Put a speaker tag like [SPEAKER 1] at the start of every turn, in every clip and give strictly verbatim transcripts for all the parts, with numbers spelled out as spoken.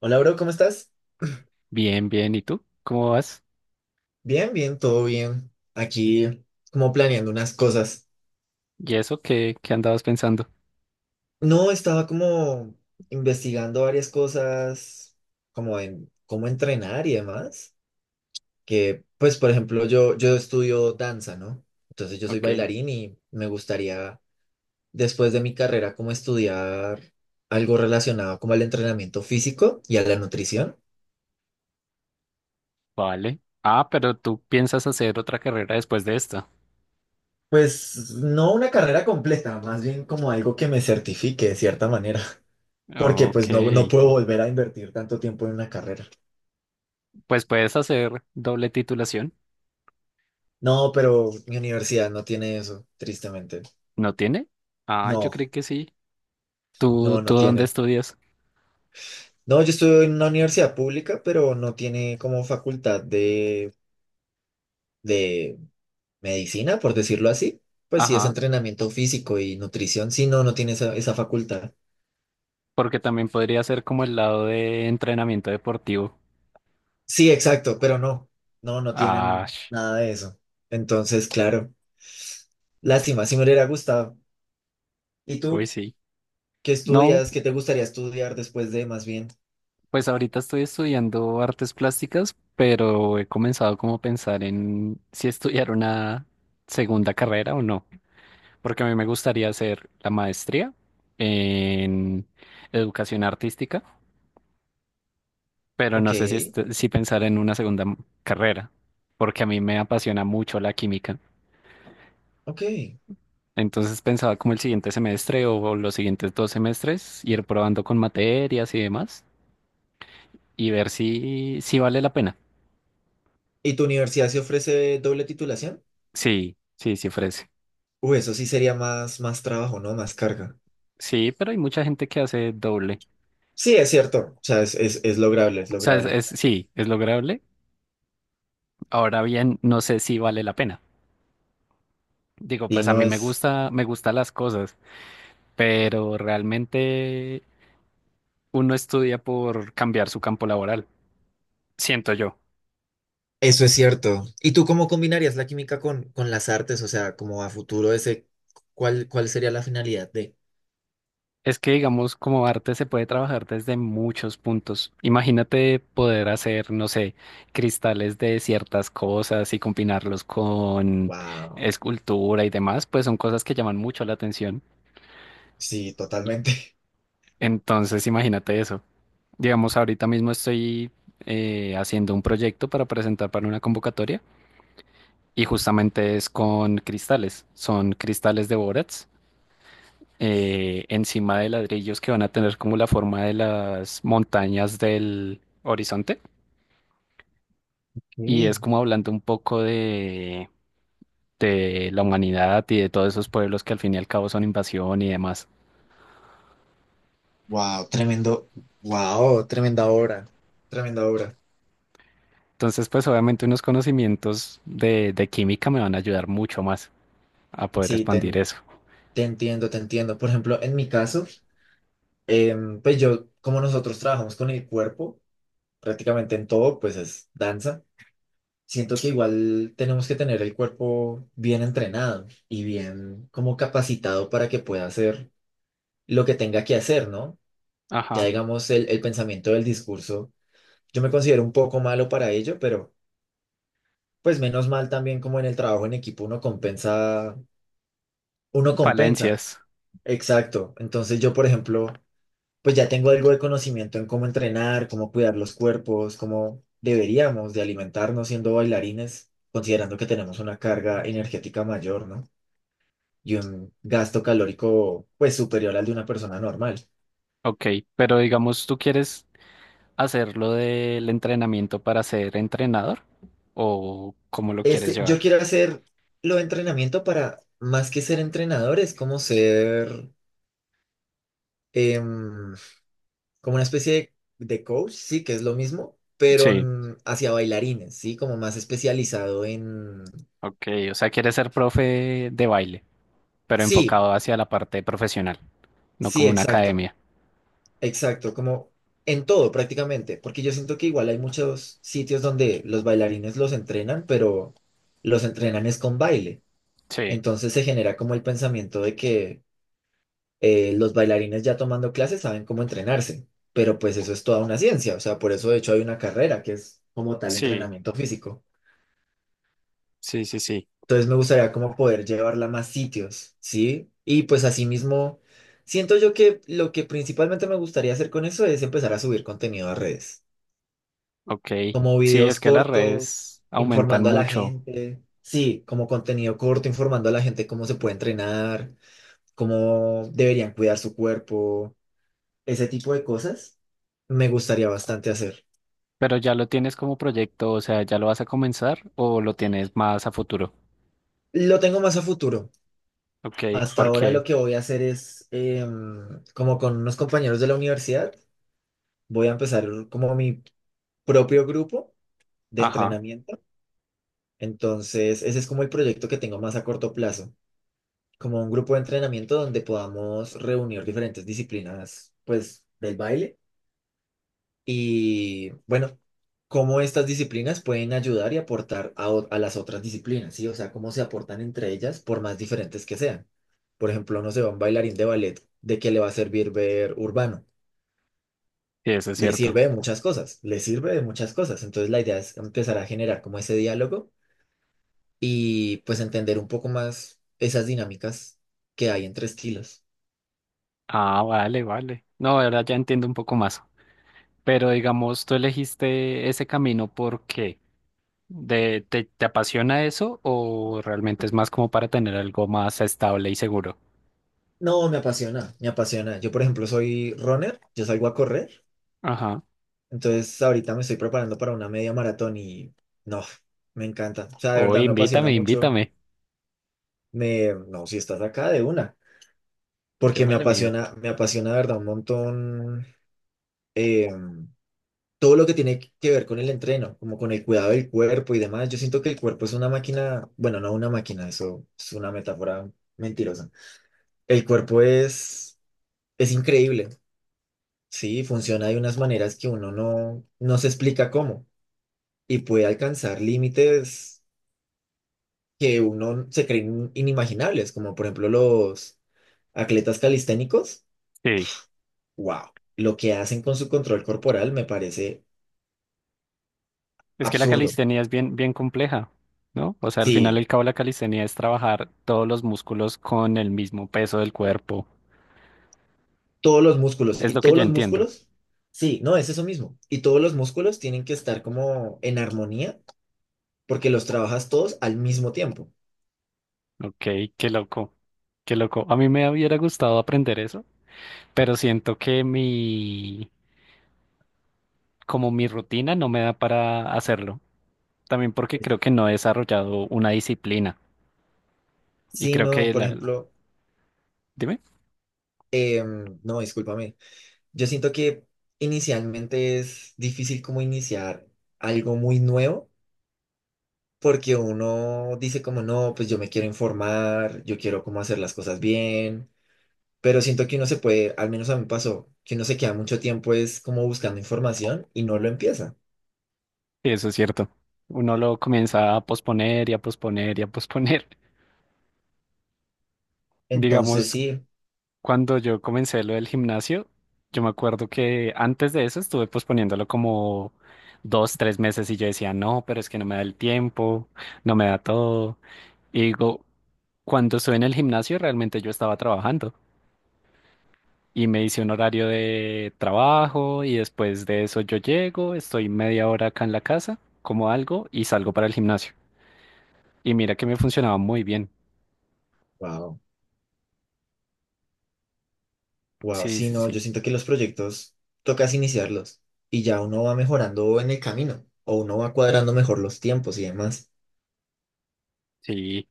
[SPEAKER 1] Hola, bro, ¿cómo estás?
[SPEAKER 2] Bien, bien. ¿Y tú? ¿Cómo vas?
[SPEAKER 1] Bien, bien, todo bien. Aquí como planeando unas cosas.
[SPEAKER 2] ¿Y eso qué, qué andabas pensando?
[SPEAKER 1] No, estaba como investigando varias cosas, como en cómo entrenar y demás. Que, pues, por ejemplo, yo, yo estudio danza, ¿no? Entonces yo soy
[SPEAKER 2] Ok,
[SPEAKER 1] bailarín y me gustaría, después de mi carrera, como estudiar algo relacionado como al entrenamiento físico y a la nutrición.
[SPEAKER 2] vale. Ah, pero tú piensas hacer otra carrera después de esta.
[SPEAKER 1] Pues no una carrera completa, más bien como algo que me certifique de cierta manera. Porque pues
[SPEAKER 2] Ok,
[SPEAKER 1] no, no puedo volver a invertir tanto tiempo en una carrera.
[SPEAKER 2] pues puedes hacer doble titulación.
[SPEAKER 1] No, pero mi universidad no tiene eso, tristemente.
[SPEAKER 2] ¿No tiene? Ah, yo
[SPEAKER 1] No,
[SPEAKER 2] creí que sí. ¿Tú,
[SPEAKER 1] no,
[SPEAKER 2] tú
[SPEAKER 1] no
[SPEAKER 2] dónde
[SPEAKER 1] tiene.
[SPEAKER 2] estudias?
[SPEAKER 1] No, yo estuve en una universidad pública, pero no tiene como facultad de, de medicina, por decirlo así. Pues sí, es
[SPEAKER 2] Ajá,
[SPEAKER 1] entrenamiento físico y nutrición. Sí, no, no tiene esa, esa facultad.
[SPEAKER 2] porque también podría ser como el lado de entrenamiento deportivo.
[SPEAKER 1] Sí, exacto, pero no, no, no
[SPEAKER 2] Ah,
[SPEAKER 1] tienen
[SPEAKER 2] sh-
[SPEAKER 1] nada de eso. Entonces, claro, lástima, si me hubiera gustado. ¿Y
[SPEAKER 2] uy,
[SPEAKER 1] tú
[SPEAKER 2] sí.
[SPEAKER 1] qué
[SPEAKER 2] No,
[SPEAKER 1] estudias? ¿Qué te gustaría estudiar después de más bien?
[SPEAKER 2] pues ahorita estoy estudiando artes plásticas, pero he comenzado como a pensar en si estudiar una segunda carrera o no, porque a mí me gustaría hacer la maestría en educación artística, pero
[SPEAKER 1] Ok,
[SPEAKER 2] no sé si, est- si pensar en una segunda m- carrera, porque a mí me apasiona mucho la química.
[SPEAKER 1] ok.
[SPEAKER 2] Entonces pensaba como el siguiente semestre o los siguientes dos semestres ir probando con materias y demás y ver si, si vale la pena.
[SPEAKER 1] ¿Y tu universidad se ofrece doble titulación?
[SPEAKER 2] Sí, sí, sí ofrece.
[SPEAKER 1] Uy, eso sí sería más, más trabajo, ¿no? Más carga.
[SPEAKER 2] Sí, pero hay mucha gente que hace doble.
[SPEAKER 1] Sí, es cierto. O sea, es, es, es lograble, es
[SPEAKER 2] O sea, es,
[SPEAKER 1] lograble.
[SPEAKER 2] es- sí, es lograble. Ahora bien, no sé si vale la pena. Digo,
[SPEAKER 1] Y
[SPEAKER 2] pues a
[SPEAKER 1] no
[SPEAKER 2] mí me
[SPEAKER 1] es...
[SPEAKER 2] gusta, me gustan las cosas, pero realmente uno estudia por cambiar su campo laboral, siento yo.
[SPEAKER 1] Eso es cierto. ¿Y tú cómo combinarías la química con, con las artes? O sea, como a futuro ese, ¿cuál, cuál sería la finalidad de?
[SPEAKER 2] Es que, digamos, como arte se puede trabajar desde muchos puntos. Imagínate poder hacer, no sé, cristales de ciertas cosas y combinarlos con
[SPEAKER 1] Wow.
[SPEAKER 2] escultura y demás, pues son cosas que llaman mucho la atención.
[SPEAKER 1] Sí, totalmente.
[SPEAKER 2] Entonces, imagínate eso. Digamos, ahorita mismo estoy eh, haciendo un proyecto para presentar para una convocatoria y justamente es con cristales. Son cristales de Borats eh, encima de ladrillos que van a tener como la forma de las montañas del horizonte. Y es como hablando un poco de, de la humanidad y de todos esos pueblos que al fin y al cabo son invasión y demás.
[SPEAKER 1] Wow, tremendo. Wow, tremenda obra. Tremenda obra.
[SPEAKER 2] Entonces, pues obviamente unos conocimientos de, de química me van a ayudar mucho más a poder
[SPEAKER 1] Sí, te,
[SPEAKER 2] expandir
[SPEAKER 1] en-
[SPEAKER 2] eso.
[SPEAKER 1] te entiendo, te entiendo. Por ejemplo, en mi caso... Em, pues yo, como nosotros trabajamos con el cuerpo, prácticamente en todo, pues es danza. Siento que igual tenemos que tener el cuerpo bien entrenado y bien como capacitado para que pueda hacer lo que tenga que hacer, ¿no? Ya
[SPEAKER 2] Ajá.
[SPEAKER 1] digamos el, el pensamiento del discurso, yo me considero un poco malo para ello, pero pues menos mal también como en el trabajo en equipo uno compensa, uno compensa,
[SPEAKER 2] Falencias.
[SPEAKER 1] exacto. Entonces yo, por ejemplo... Pues ya tengo algo de conocimiento en cómo entrenar, cómo cuidar los cuerpos, cómo deberíamos de alimentarnos siendo bailarines, considerando que tenemos una carga energética mayor, ¿no? Y un gasto calórico, pues, superior al de una persona normal.
[SPEAKER 2] Ok, pero digamos, ¿tú quieres hacerlo del entrenamiento para ser entrenador? ¿O cómo lo quieres
[SPEAKER 1] Este, yo
[SPEAKER 2] llevar?
[SPEAKER 1] quiero hacer lo de entrenamiento para, más que ser entrenador, es como ser, em, como una especie de de coach, sí, que es lo mismo, pero
[SPEAKER 2] Sí,
[SPEAKER 1] mm, hacia bailarines, sí, como más especializado en...
[SPEAKER 2] ok, o sea, quieres ser profe de baile, pero
[SPEAKER 1] Sí,
[SPEAKER 2] enfocado hacia la parte profesional, no
[SPEAKER 1] sí,
[SPEAKER 2] como una
[SPEAKER 1] exacto.
[SPEAKER 2] academia.
[SPEAKER 1] Exacto, como en todo prácticamente, porque yo siento que igual hay muchos sitios donde los bailarines los entrenan, pero los entrenan es con baile.
[SPEAKER 2] Sí,
[SPEAKER 1] Entonces se genera como el pensamiento de que eh, los bailarines ya tomando clases saben cómo entrenarse, pero pues eso es toda una ciencia, o sea, por eso de hecho hay una carrera que es como tal
[SPEAKER 2] sí,
[SPEAKER 1] entrenamiento físico.
[SPEAKER 2] sí, sí, sí.
[SPEAKER 1] Entonces me gustaría como poder llevarla a más sitios, ¿sí? Y pues asimismo, siento yo que lo que principalmente me gustaría hacer con eso es empezar a subir contenido a redes.
[SPEAKER 2] Ok,
[SPEAKER 1] Como
[SPEAKER 2] sí, es
[SPEAKER 1] videos
[SPEAKER 2] que las
[SPEAKER 1] cortos,
[SPEAKER 2] redes aumentan
[SPEAKER 1] informando a la
[SPEAKER 2] mucho,
[SPEAKER 1] gente. Sí, como contenido corto, informando a la gente cómo se puede entrenar, cómo deberían cuidar su cuerpo, ese tipo de cosas me gustaría bastante hacer.
[SPEAKER 2] pero ya lo tienes como proyecto, o sea, ¿ya lo vas a comenzar o lo tienes más a futuro?
[SPEAKER 1] Lo tengo más a futuro.
[SPEAKER 2] Ok,
[SPEAKER 1] Hasta ahora
[SPEAKER 2] porque,
[SPEAKER 1] lo que voy a hacer es, em, como con unos compañeros de la universidad, voy a empezar como mi propio grupo de
[SPEAKER 2] ajá,
[SPEAKER 1] entrenamiento. Entonces, ese es como el proyecto que tengo más a corto plazo. Como un grupo de entrenamiento donde podamos reunir diferentes disciplinas, pues, del baile. Y bueno, cómo estas disciplinas pueden ayudar y aportar a, o- a las otras disciplinas, ¿sí? O sea, cómo se aportan entre ellas, por más diferentes que sean. Por ejemplo, no sé, un bailarín de ballet, ¿de qué le va a servir ver urbano?
[SPEAKER 2] sí, eso es
[SPEAKER 1] Le
[SPEAKER 2] cierto.
[SPEAKER 1] sirve de muchas cosas, le sirve de muchas cosas. Entonces, la idea es empezar a generar como ese diálogo y pues entender un poco más esas dinámicas que hay entre estilos.
[SPEAKER 2] Ah, vale, vale. No, ahora ya entiendo un poco más. Pero digamos, ¿tú elegiste ese camino porque ¿De, te, te apasiona eso o realmente es más como para tener algo más estable y seguro?
[SPEAKER 1] No, me apasiona, me apasiona. Yo, por ejemplo, soy runner, yo salgo a correr,
[SPEAKER 2] Ajá.
[SPEAKER 1] entonces ahorita me estoy preparando para una media maratón y no, me encanta. O sea, de
[SPEAKER 2] O
[SPEAKER 1] verdad me apasiona
[SPEAKER 2] invítame,
[SPEAKER 1] mucho.
[SPEAKER 2] invítame.
[SPEAKER 1] Me, no, si estás acá de una,
[SPEAKER 2] Yo
[SPEAKER 1] porque me
[SPEAKER 2] me le mido.
[SPEAKER 1] apasiona, me apasiona de verdad un montón eh, todo lo que tiene que ver con el entreno, como con el cuidado del cuerpo y demás. Yo siento que el cuerpo es una máquina, bueno, no una máquina, eso es una metáfora mentirosa. El cuerpo es, es increíble. Sí, funciona de unas maneras que uno no, no se explica cómo y puede alcanzar límites que uno se creen inimaginables, como por ejemplo los atletas calisténicos.
[SPEAKER 2] Sí.
[SPEAKER 1] ¡Wow! Lo que hacen con su control corporal me parece
[SPEAKER 2] Es que la
[SPEAKER 1] absurdo.
[SPEAKER 2] calistenia es bien, bien compleja, ¿no? O sea, al final
[SPEAKER 1] Sí,
[SPEAKER 2] el cabo de la calistenia es trabajar todos los músculos con el mismo peso del cuerpo.
[SPEAKER 1] todos los músculos
[SPEAKER 2] Es
[SPEAKER 1] y
[SPEAKER 2] lo que
[SPEAKER 1] todos
[SPEAKER 2] yo
[SPEAKER 1] los
[SPEAKER 2] entiendo.
[SPEAKER 1] músculos, sí, no, es eso mismo. Y todos los músculos tienen que estar como en armonía porque los trabajas todos al mismo tiempo.
[SPEAKER 2] Ok, qué loco. Qué loco. A mí me hubiera gustado aprender eso, pero siento que mi, como mi rutina no me da para hacerlo. También porque creo que no he desarrollado una disciplina y
[SPEAKER 1] Si
[SPEAKER 2] creo
[SPEAKER 1] no,
[SPEAKER 2] que
[SPEAKER 1] por
[SPEAKER 2] la,
[SPEAKER 1] ejemplo,
[SPEAKER 2] dime,
[SPEAKER 1] em, no, discúlpame. Yo siento que inicialmente es difícil como iniciar algo muy nuevo, porque uno dice como, no, pues yo me quiero informar, yo quiero como hacer las cosas bien, pero siento que uno se puede, al menos a mí me pasó, que uno se queda mucho tiempo es como buscando información y no lo empieza.
[SPEAKER 2] sí, eso es cierto. Uno lo comienza a posponer y a posponer y a posponer.
[SPEAKER 1] Entonces
[SPEAKER 2] Digamos,
[SPEAKER 1] sí,
[SPEAKER 2] cuando yo comencé lo del gimnasio, yo me acuerdo que antes de eso estuve posponiéndolo como dos, tres meses y yo decía, no, pero es que no me da el tiempo, no me da todo. Y digo, cuando estuve en el gimnasio realmente yo estaba trabajando, y me hice un horario de trabajo y después de eso yo llego, estoy media hora acá en la casa, como algo y salgo para el gimnasio. Y mira que me funcionaba muy bien.
[SPEAKER 1] wow, wow,
[SPEAKER 2] Sí,
[SPEAKER 1] sí,
[SPEAKER 2] sí,
[SPEAKER 1] no,
[SPEAKER 2] sí,
[SPEAKER 1] yo siento que los proyectos tocas iniciarlos y ya uno va mejorando en el camino o uno va cuadrando mejor los tiempos y demás.
[SPEAKER 2] sí.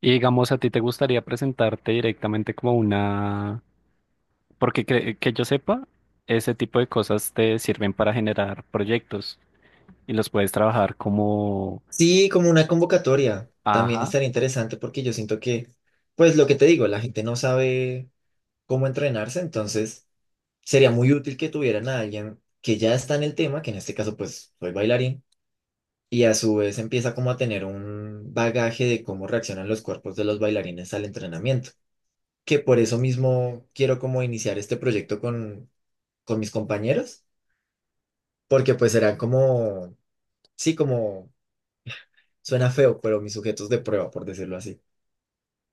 [SPEAKER 2] Y digamos, ¿a ti te gustaría presentarte directamente como una...? Porque cre- que yo sepa, ese tipo de cosas te sirven para generar proyectos y los puedes trabajar como...
[SPEAKER 1] Sí, como una convocatoria también
[SPEAKER 2] Ajá.
[SPEAKER 1] estaría interesante porque yo siento que, pues lo que te digo, la gente no sabe cómo entrenarse, entonces sería muy útil que tuvieran a alguien que ya está en el tema, que en este caso pues soy bailarín, y a su vez empieza como a tener un bagaje de cómo reaccionan los cuerpos de los bailarines al entrenamiento, que por eso mismo quiero como iniciar este proyecto con, con mis compañeros, porque pues serán como, sí, como suena feo, pero mis sujetos de prueba, por decirlo así.